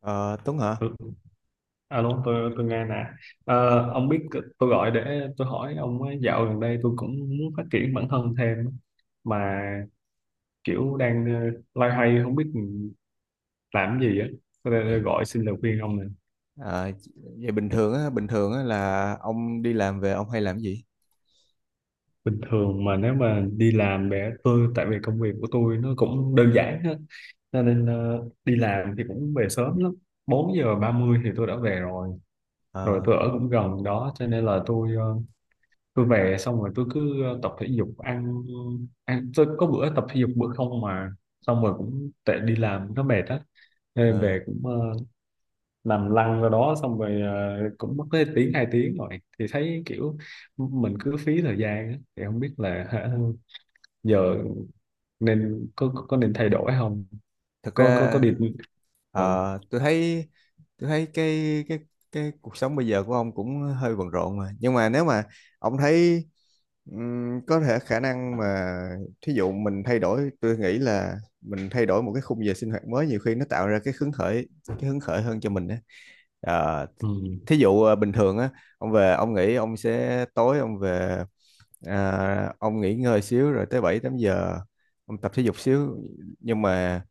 Ờ, Tuấn hả? Ừ, Alo, tôi nghe nè. Ông biết tôi gọi để tôi hỏi ông ấy, dạo gần đây tôi cũng muốn phát triển bản thân thêm mà kiểu đang loay hoay không biết làm cái gì á. Tôi đây gọi xin lời khuyên ông nè. Ờ, Vậy bình thường á, là ông đi làm về ông hay làm cái gì? Bình thường mà nếu mà đi làm để tôi tại vì công việc của tôi nó cũng đơn giản hết cho nên đi làm thì cũng về sớm lắm. 4 giờ 30 thì tôi đã về rồi. Rồi Ờ, tôi ở cũng gần đó cho nên là tôi về xong rồi tôi cứ tập thể dục ăn ăn tôi có bữa tập thể dục bữa không mà xong rồi cũng tệ đi làm nó mệt á nên ờ, về cũng nằm lăn ra đó xong rồi cũng mất tới tiếng 2 tiếng rồi thì thấy kiểu mình cứ phí thời gian á. Thì không biết là hả, giờ nên có nên thay đổi không? Thật Có có ra đi. Ừ. ờ, tôi thấy cái cuộc sống bây giờ của ông cũng hơi bận rộn mà. Nhưng mà nếu mà ông thấy có thể khả năng mà thí dụ mình thay đổi, tôi nghĩ là mình thay đổi một cái khung giờ sinh hoạt mới, nhiều khi nó tạo ra cái hứng khởi, hơn cho mình á. Ờ, Ừ. Thí dụ bình thường á ông về ông nghĩ ông sẽ tối ông về, à, ông nghỉ ngơi xíu rồi tới 7-8 giờ ông tập thể dục xíu, nhưng mà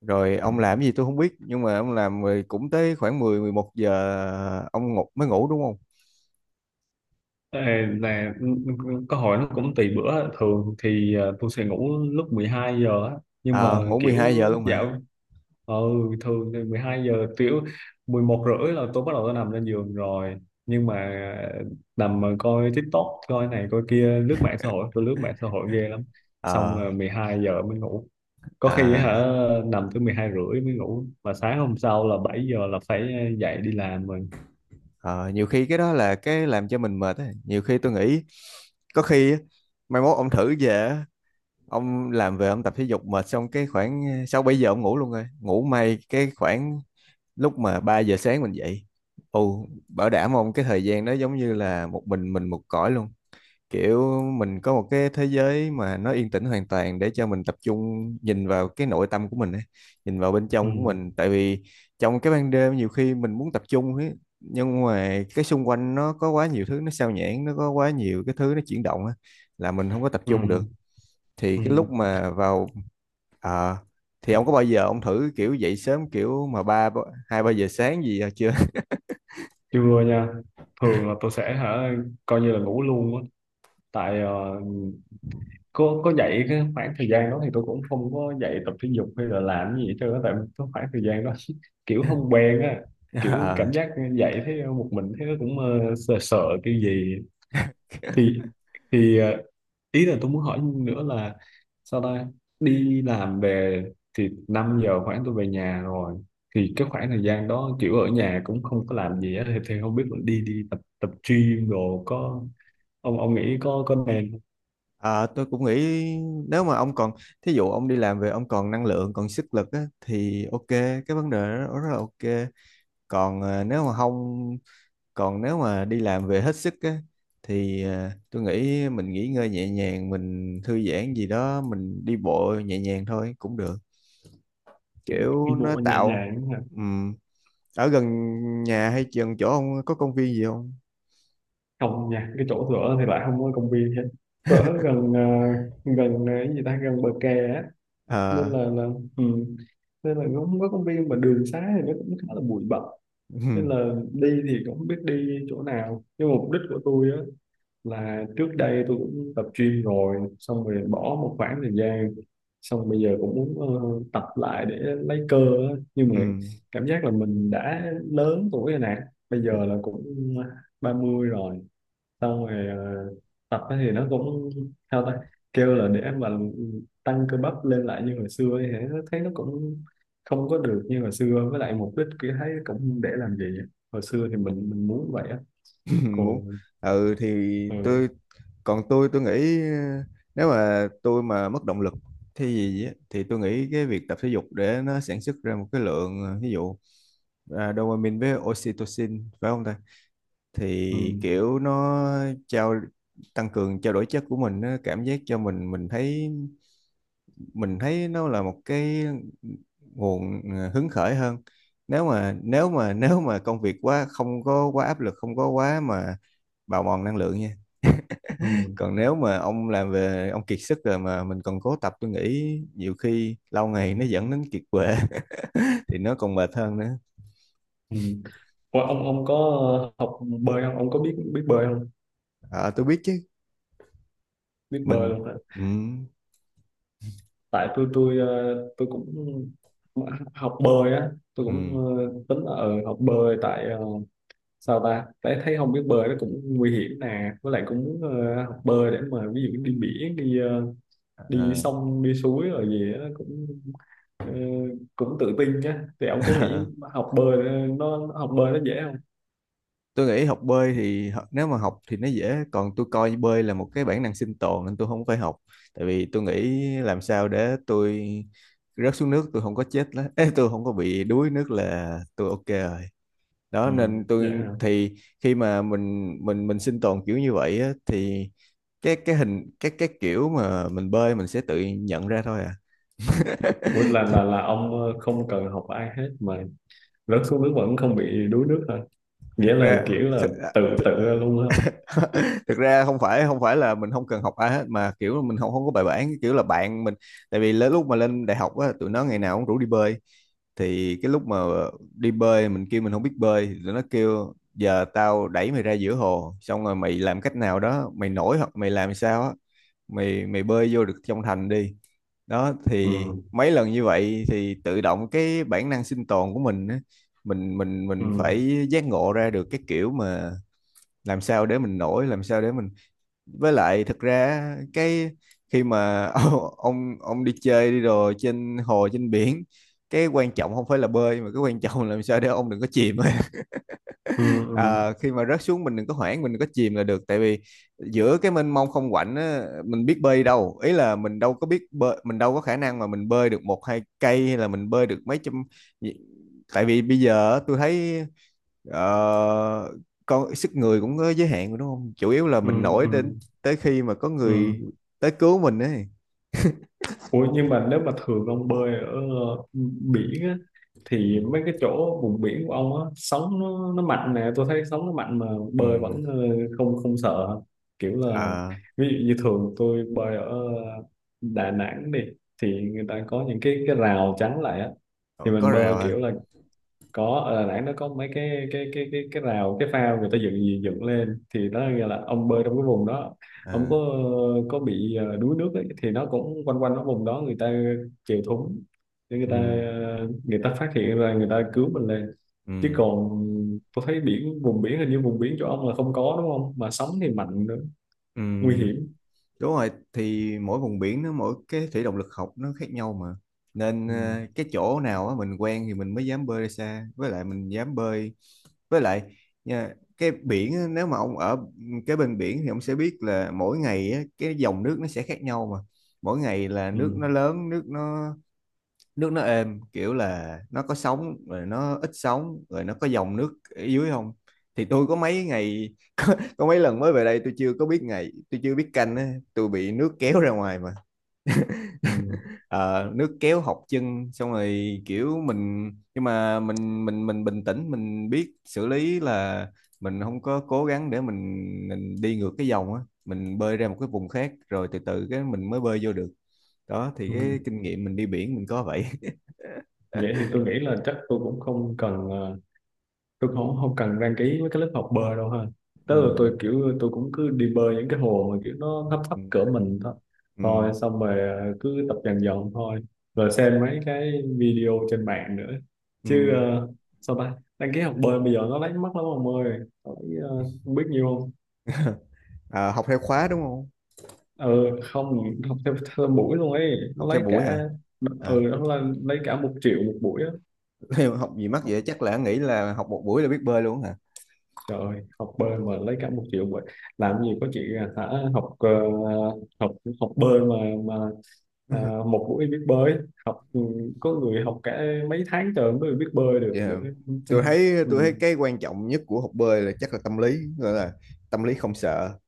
rồi ông làm cái gì tôi không biết, nhưng mà ông làm rồi cũng tới khoảng 10-11 giờ ông ngủ, mới ngủ đúng không? Ê, là câu hỏi nó cũng tùy bữa, thường thì tôi sẽ ngủ lúc 12 giờ á nhưng mà Ờ, ngủ mười kiểu hai giờ luôn hả? dạo ừ thường thì 12 giờ kiểu 11 rưỡi là tôi bắt đầu tôi nằm lên giường rồi nhưng mà nằm mà coi TikTok coi này coi kia lướt mạng xã hội, tôi lướt mạng xã hội ghê lắm xong Ờ rồi 12 giờ mới ngủ, có khi hả à, nằm tới 12 rưỡi mới ngủ mà sáng hôm sau là 7 giờ là phải dậy đi làm rồi. ờ, Nhiều khi cái đó là cái làm cho mình mệt á. Nhiều khi tôi nghĩ có khi á, mai mốt ông thử về á, ông làm về ông tập thể dục mệt xong cái khoảng 6-7 giờ ông ngủ luôn rồi. Ngủ may cái khoảng lúc mà 3 giờ sáng mình dậy, ồ, bảo đảm ông cái thời gian đó giống như là một mình một cõi luôn, kiểu mình có một cái thế giới mà nó yên tĩnh hoàn toàn để cho mình tập trung nhìn vào cái nội tâm của mình ấy, nhìn vào bên Ừ. trong của mình, tại vì trong cái ban đêm nhiều khi mình muốn tập trung ấy, nhưng mà cái xung quanh nó có quá nhiều thứ nó sao nhãng, nó có quá nhiều cái thứ nó chuyển động á là mình không có tập Ừ. trung được. Thì cái Ừ. lúc mà vào, Ờ, thì ông có bao giờ ông thử kiểu dậy sớm kiểu mà ba ba- 2-3 giờ sáng gì chưa? Chưa nha, thường là tôi sẽ hả coi như là ngủ luôn á. Tại có dạy cái khoảng thời gian đó thì tôi cũng không có dạy tập thể dục hay là làm gì hết trơn á, tại cái khoảng thời gian đó kiểu không quen á, kiểu cảm Ờ, giác dạy thấy một mình thấy nó cũng sợ sợ cái gì. Thì thì ờ, ý là tôi muốn hỏi nữa là sao ta, đi làm về thì 5 giờ khoảng tôi về nhà rồi thì cái khoảng thời gian đó kiểu ở nhà cũng không có làm gì á thì, không biết đi đi tập tập gym đồ có ông nghĩ có nên ờ, tôi cũng nghĩ nếu mà ông còn, thí dụ ông đi làm về ông còn năng lượng còn sức lực á, thì ok, cái vấn đề đó rất là ok. Còn nếu mà không, còn nếu mà đi làm về hết sức á, thì tôi nghĩ mình nghỉ ngơi nhẹ nhàng, mình thư giãn gì đó, mình đi bộ nhẹ nhàng thôi cũng được, không? kiểu Đi nó bộ nhẹ tạo, nhàng ừm, ở gần nhà hay gần chỗ ông có công viên gì không? không nha, cái chỗ tớ thì lại không có công viên hết. Tớ gần cái gì ta, gần bờ kè á nên Ờ là ừ. Nên là nó không có công viên mà đường xá thì nó cũng khá là bụi bặm Ừ, nên là đi thì cũng không biết đi chỗ nào, nhưng mà mục đích của tôi á là trước đây tôi cũng tập gym rồi xong rồi bỏ một khoảng thời gian, xong bây giờ cũng muốn tập lại để lấy cơ á. Nhưng ừ, mà cảm giác là mình đã lớn tuổi rồi nè, bây ừ, giờ là cũng 30 rồi, xong rồi tập á thì nó cũng sao ta, kêu là để mà tăng cơ bắp lên lại như hồi xưa ấy, thì nó thấy nó cũng không có được như hồi xưa, với lại mục đích kia thấy cũng để làm gì á. Hồi xưa thì mình muốn vậy á, muốn còn ừ thì ừ, tôi, còn tôi nghĩ nếu mà tôi mà mất động lực thì gì á thì tôi nghĩ cái việc tập thể dục để nó sản xuất ra một cái lượng ví dụ à, dopamine với oxytocin phải không ta, ừ, thì kiểu nó trao tăng cường trao đổi chất của mình, nó cảm giác cho mình thấy nó là một cái nguồn hứng khởi hơn, nếu mà nếu mà công việc quá không có quá áp lực, không có quá mà bào mòn năng lượng nha. ừ, Còn nếu mà ông làm về ông kiệt sức rồi mà mình còn cố tập, tôi nghĩ nhiều khi lâu ngày nó dẫn đến kiệt quệ thì nó còn mệt hơn nữa. ừ. Ủa, ông có học bơi không, ông có biết biết bơi không? Ờ, tôi biết chứ. Biết bơi Mình luôn hả? ừ, Tại tôi cũng học bơi á, tôi cũng ừ, tính là học bơi, tại sao ta, thấy thấy không biết bơi nó cũng nguy hiểm nè, với lại cũng muốn học bơi để mà ví dụ đi biển đi ờ. sông đi suối rồi gì đó cũng ờ, cũng tự tin á. Thì ông có nghĩ học bơi nó học bơi nó dễ không? Tôi nghĩ học bơi thì, nếu mà học thì nó dễ, còn tôi coi bơi là một cái bản năng sinh tồn nên tôi không phải học. Tại vì tôi nghĩ làm sao để tôi rớt xuống nước tôi không có chết, Ê, tôi không có bị đuối nước là tôi ok rồi. Đó Ừ, nên dễ tôi hả? thì, khi mà mình sinh tồn kiểu như vậy á, thì cái hình cái kiểu mà mình bơi mình sẽ tự nhận ra thôi à. Ủa là Chứ là là ông không cần học ai hết mà rớt xuống nước vẫn không bị đuối nước hả? thật Nghĩa là ra, kiểu là thật, tự tự ra luôn á? thực ra không phải, là mình không cần học ai hết, mà kiểu là mình không không có bài bản, kiểu là bạn mình. Tại vì lúc mà lên đại học á tụi nó ngày nào cũng rủ đi bơi, thì cái lúc mà đi bơi mình kêu mình không biết bơi thì tụi nó kêu giờ tao đẩy mày ra giữa hồ xong rồi mày làm cách nào đó mày nổi hoặc mày làm sao á, mày mày bơi vô được trong thành đi. Đó thì Ừ. mấy lần như vậy thì tự động cái bản năng sinh tồn của mình á, mình Ừ. phải giác ngộ ra được cái kiểu mà làm sao để mình nổi, làm sao để mình, với lại thực ra cái khi mà ông, đi chơi đi đồ trên hồ trên biển, cái quan trọng không phải là bơi mà cái quan trọng là làm sao để ông đừng có chìm. Ừ. Ừ. Ờ, khi mà rớt xuống mình đừng có hoảng, mình đừng có chìm là được, tại vì giữa cái mênh mông không quạnh á, mình biết bơi đâu, ý là mình đâu có biết bơi, mình đâu có khả năng mà mình bơi được 1-2 cây hay là mình bơi được mấy trăm. Tại vì bây giờ á, tôi thấy ờ, con sức người cũng có giới hạn rồi đúng không, chủ yếu là Ừ. mình nổi Ừ. đến tới khi mà có Ừ. người tới cứu mình ấy. Ủa, nhưng mà nếu mà thường ông bơi ở biển á Ừ. thì mấy cái chỗ vùng biển của ông á, sóng nó mạnh nè, tôi thấy sóng nó mạnh mà bơi Ừ. vẫn không không sợ, kiểu là À, ví dụ như thường tôi bơi ở Đà Nẵng đi thì người ta có những cái rào chắn lại á thì có mình bơi rào hả? kiểu là có, ở Đà Nẵng nó có mấy cái rào cái phao người ta dựng dựng lên thì nó nghĩa là ông bơi trong cái vùng đó, ông À. có bị đuối nước ấy, thì nó cũng quanh quanh cái vùng đó người ta chèo thúng để Ừ. người ta phát hiện ra, người ta cứu mình lên, chứ Ừ. còn tôi thấy biển, vùng biển, hình như vùng biển chỗ ông là không có đúng không, mà sóng thì mạnh nữa, Ừ. nguy hiểm. Đúng rồi, thì mỗi vùng biển nó mỗi cái thủy động lực học nó khác nhau mà. Nên Ừ. Cái chỗ nào á mình quen thì mình mới dám bơi ra xa, với lại mình dám bơi. Với lại nha, cái biển á, nếu mà ông ở cái bên biển thì ông sẽ biết là mỗi ngày á, cái dòng nước nó sẽ khác nhau mà. Mỗi ngày là Ừ. nước nó lớn, nước nó, êm, kiểu là nó có sóng rồi nó ít sóng rồi nó có dòng nước ở dưới không, thì tôi có mấy ngày có mấy lần mới về đây tôi chưa có biết ngày, tôi chưa biết canh á tôi bị nước kéo ra ngoài mà. Ừ. Ờ, nước kéo học chân xong rồi kiểu mình, nhưng mà mình bình tĩnh mình biết xử lý là mình không có cố gắng để mình đi ngược cái dòng á, mình bơi ra một cái vùng khác rồi từ từ cái mình mới bơi vô được. Đó thì Ừ. cái kinh nghiệm mình đi biển mình có vậy. Vậy thì tôi nghĩ là chắc tôi cũng không cần tôi không cần đăng ký với cái lớp học bơi đâu ha, tức là Ừ. tôi kiểu tôi cũng cứ đi bơi những cái hồ mà kiểu nó thấp thấp Ừ. cỡ mình thôi, Ừ, thôi xong rồi cứ tập dần dần thôi rồi xem mấy cái video trên mạng nữa, ừ. chứ sao ta, đăng ký học bơi bây giờ nó lấy mất lắm ông ơi, nó lấy, ờ, không biết nhiêu không. À, học theo khóa đúng không? Ừ, không, học theo buổi luôn ấy nó Học theo lấy buổi hả? cả, À, ừ, nó là lấy cả 1 triệu một buổi á. theo học gì mắc vậy? Chắc là nghĩ là học một buổi là biết bơi luôn hả? Trời ơi, học bơi mà lấy cả 1 triệu vậy. Làm gì có chị à, hả? Học học học bơi mà mà à, một buổi biết bơi, học có người học cả mấy tháng trời mới biết bơi được nữa. Dạ. Tôi thấy Ừ. Cái quan trọng nhất của học bơi là chắc là tâm lý, gọi là tâm lý không sợ.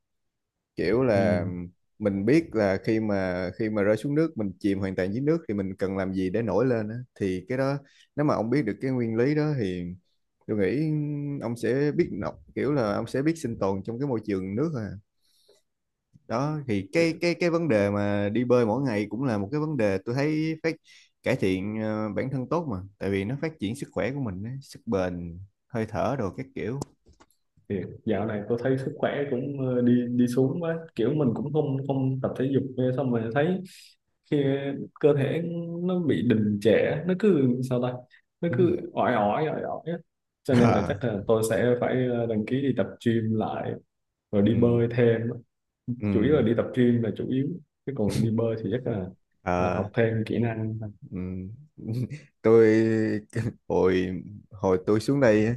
Kiểu là Ừ. mình biết là khi mà rơi xuống nước mình chìm hoàn toàn dưới nước thì mình cần làm gì để nổi lên á. Thì cái đó nếu mà ông biết được cái nguyên lý đó thì tôi nghĩ ông sẽ biết nọc, kiểu là ông sẽ biết sinh tồn trong cái môi trường nước. Đó thì cái vấn đề mà đi bơi mỗi ngày cũng là một cái vấn đề, tôi thấy phát cải thiện bản thân tốt mà, tại vì nó phát triển sức khỏe của mình á, sức bền, hơi thở đồ các kiểu. Thì dạo này tôi thấy sức khỏe cũng đi đi xuống quá, kiểu mình cũng không không tập thể dục nữa, xong rồi thấy khi cơ thể nó bị đình trệ, nó cứ sao ta, nó Ừ, cứ ỏi ỏi ỏi ỏi á. Cho nên là Ờ, chắc là tôi sẽ phải đăng ký đi tập gym lại rồi đi ừ, bơi thêm, ừ. chủ yếu là đi tập gym là chủ yếu, chứ còn đi bơi thì chắc là Ờ, học thêm kỹ năng ừ. Tôi hồi hồi tôi xuống đây á,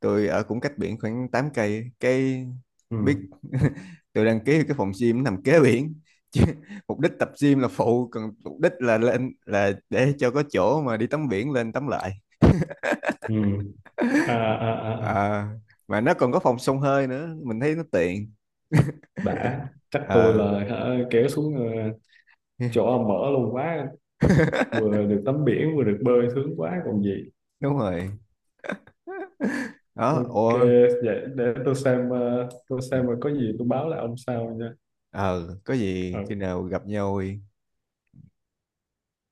tôi ở cũng cách biển khoảng 8 cây, cái ừ. biết tôi đăng ký cái phòng gym nằm kế biển. Chứ mục đích tập gym là phụ còn mục đích là lên là để cho có chỗ mà đi tắm biển, lên tắm lại. Ừ. À, à, à, à. À, mà nó còn có phòng xông hơi nữa mình thấy nó tiện. Đã, chắc tôi là À, hả, kéo xuống chỗ ông mở luôn quá, vừa được tắm biển vừa được bơi sướng quá còn gì. đúng rồi. Đó Ok, ôi. vậy để tôi xem tôi xem, mà có gì tôi báo lại ông sau nha. Ờ, có gì Ờ. khi nào gặp nhau.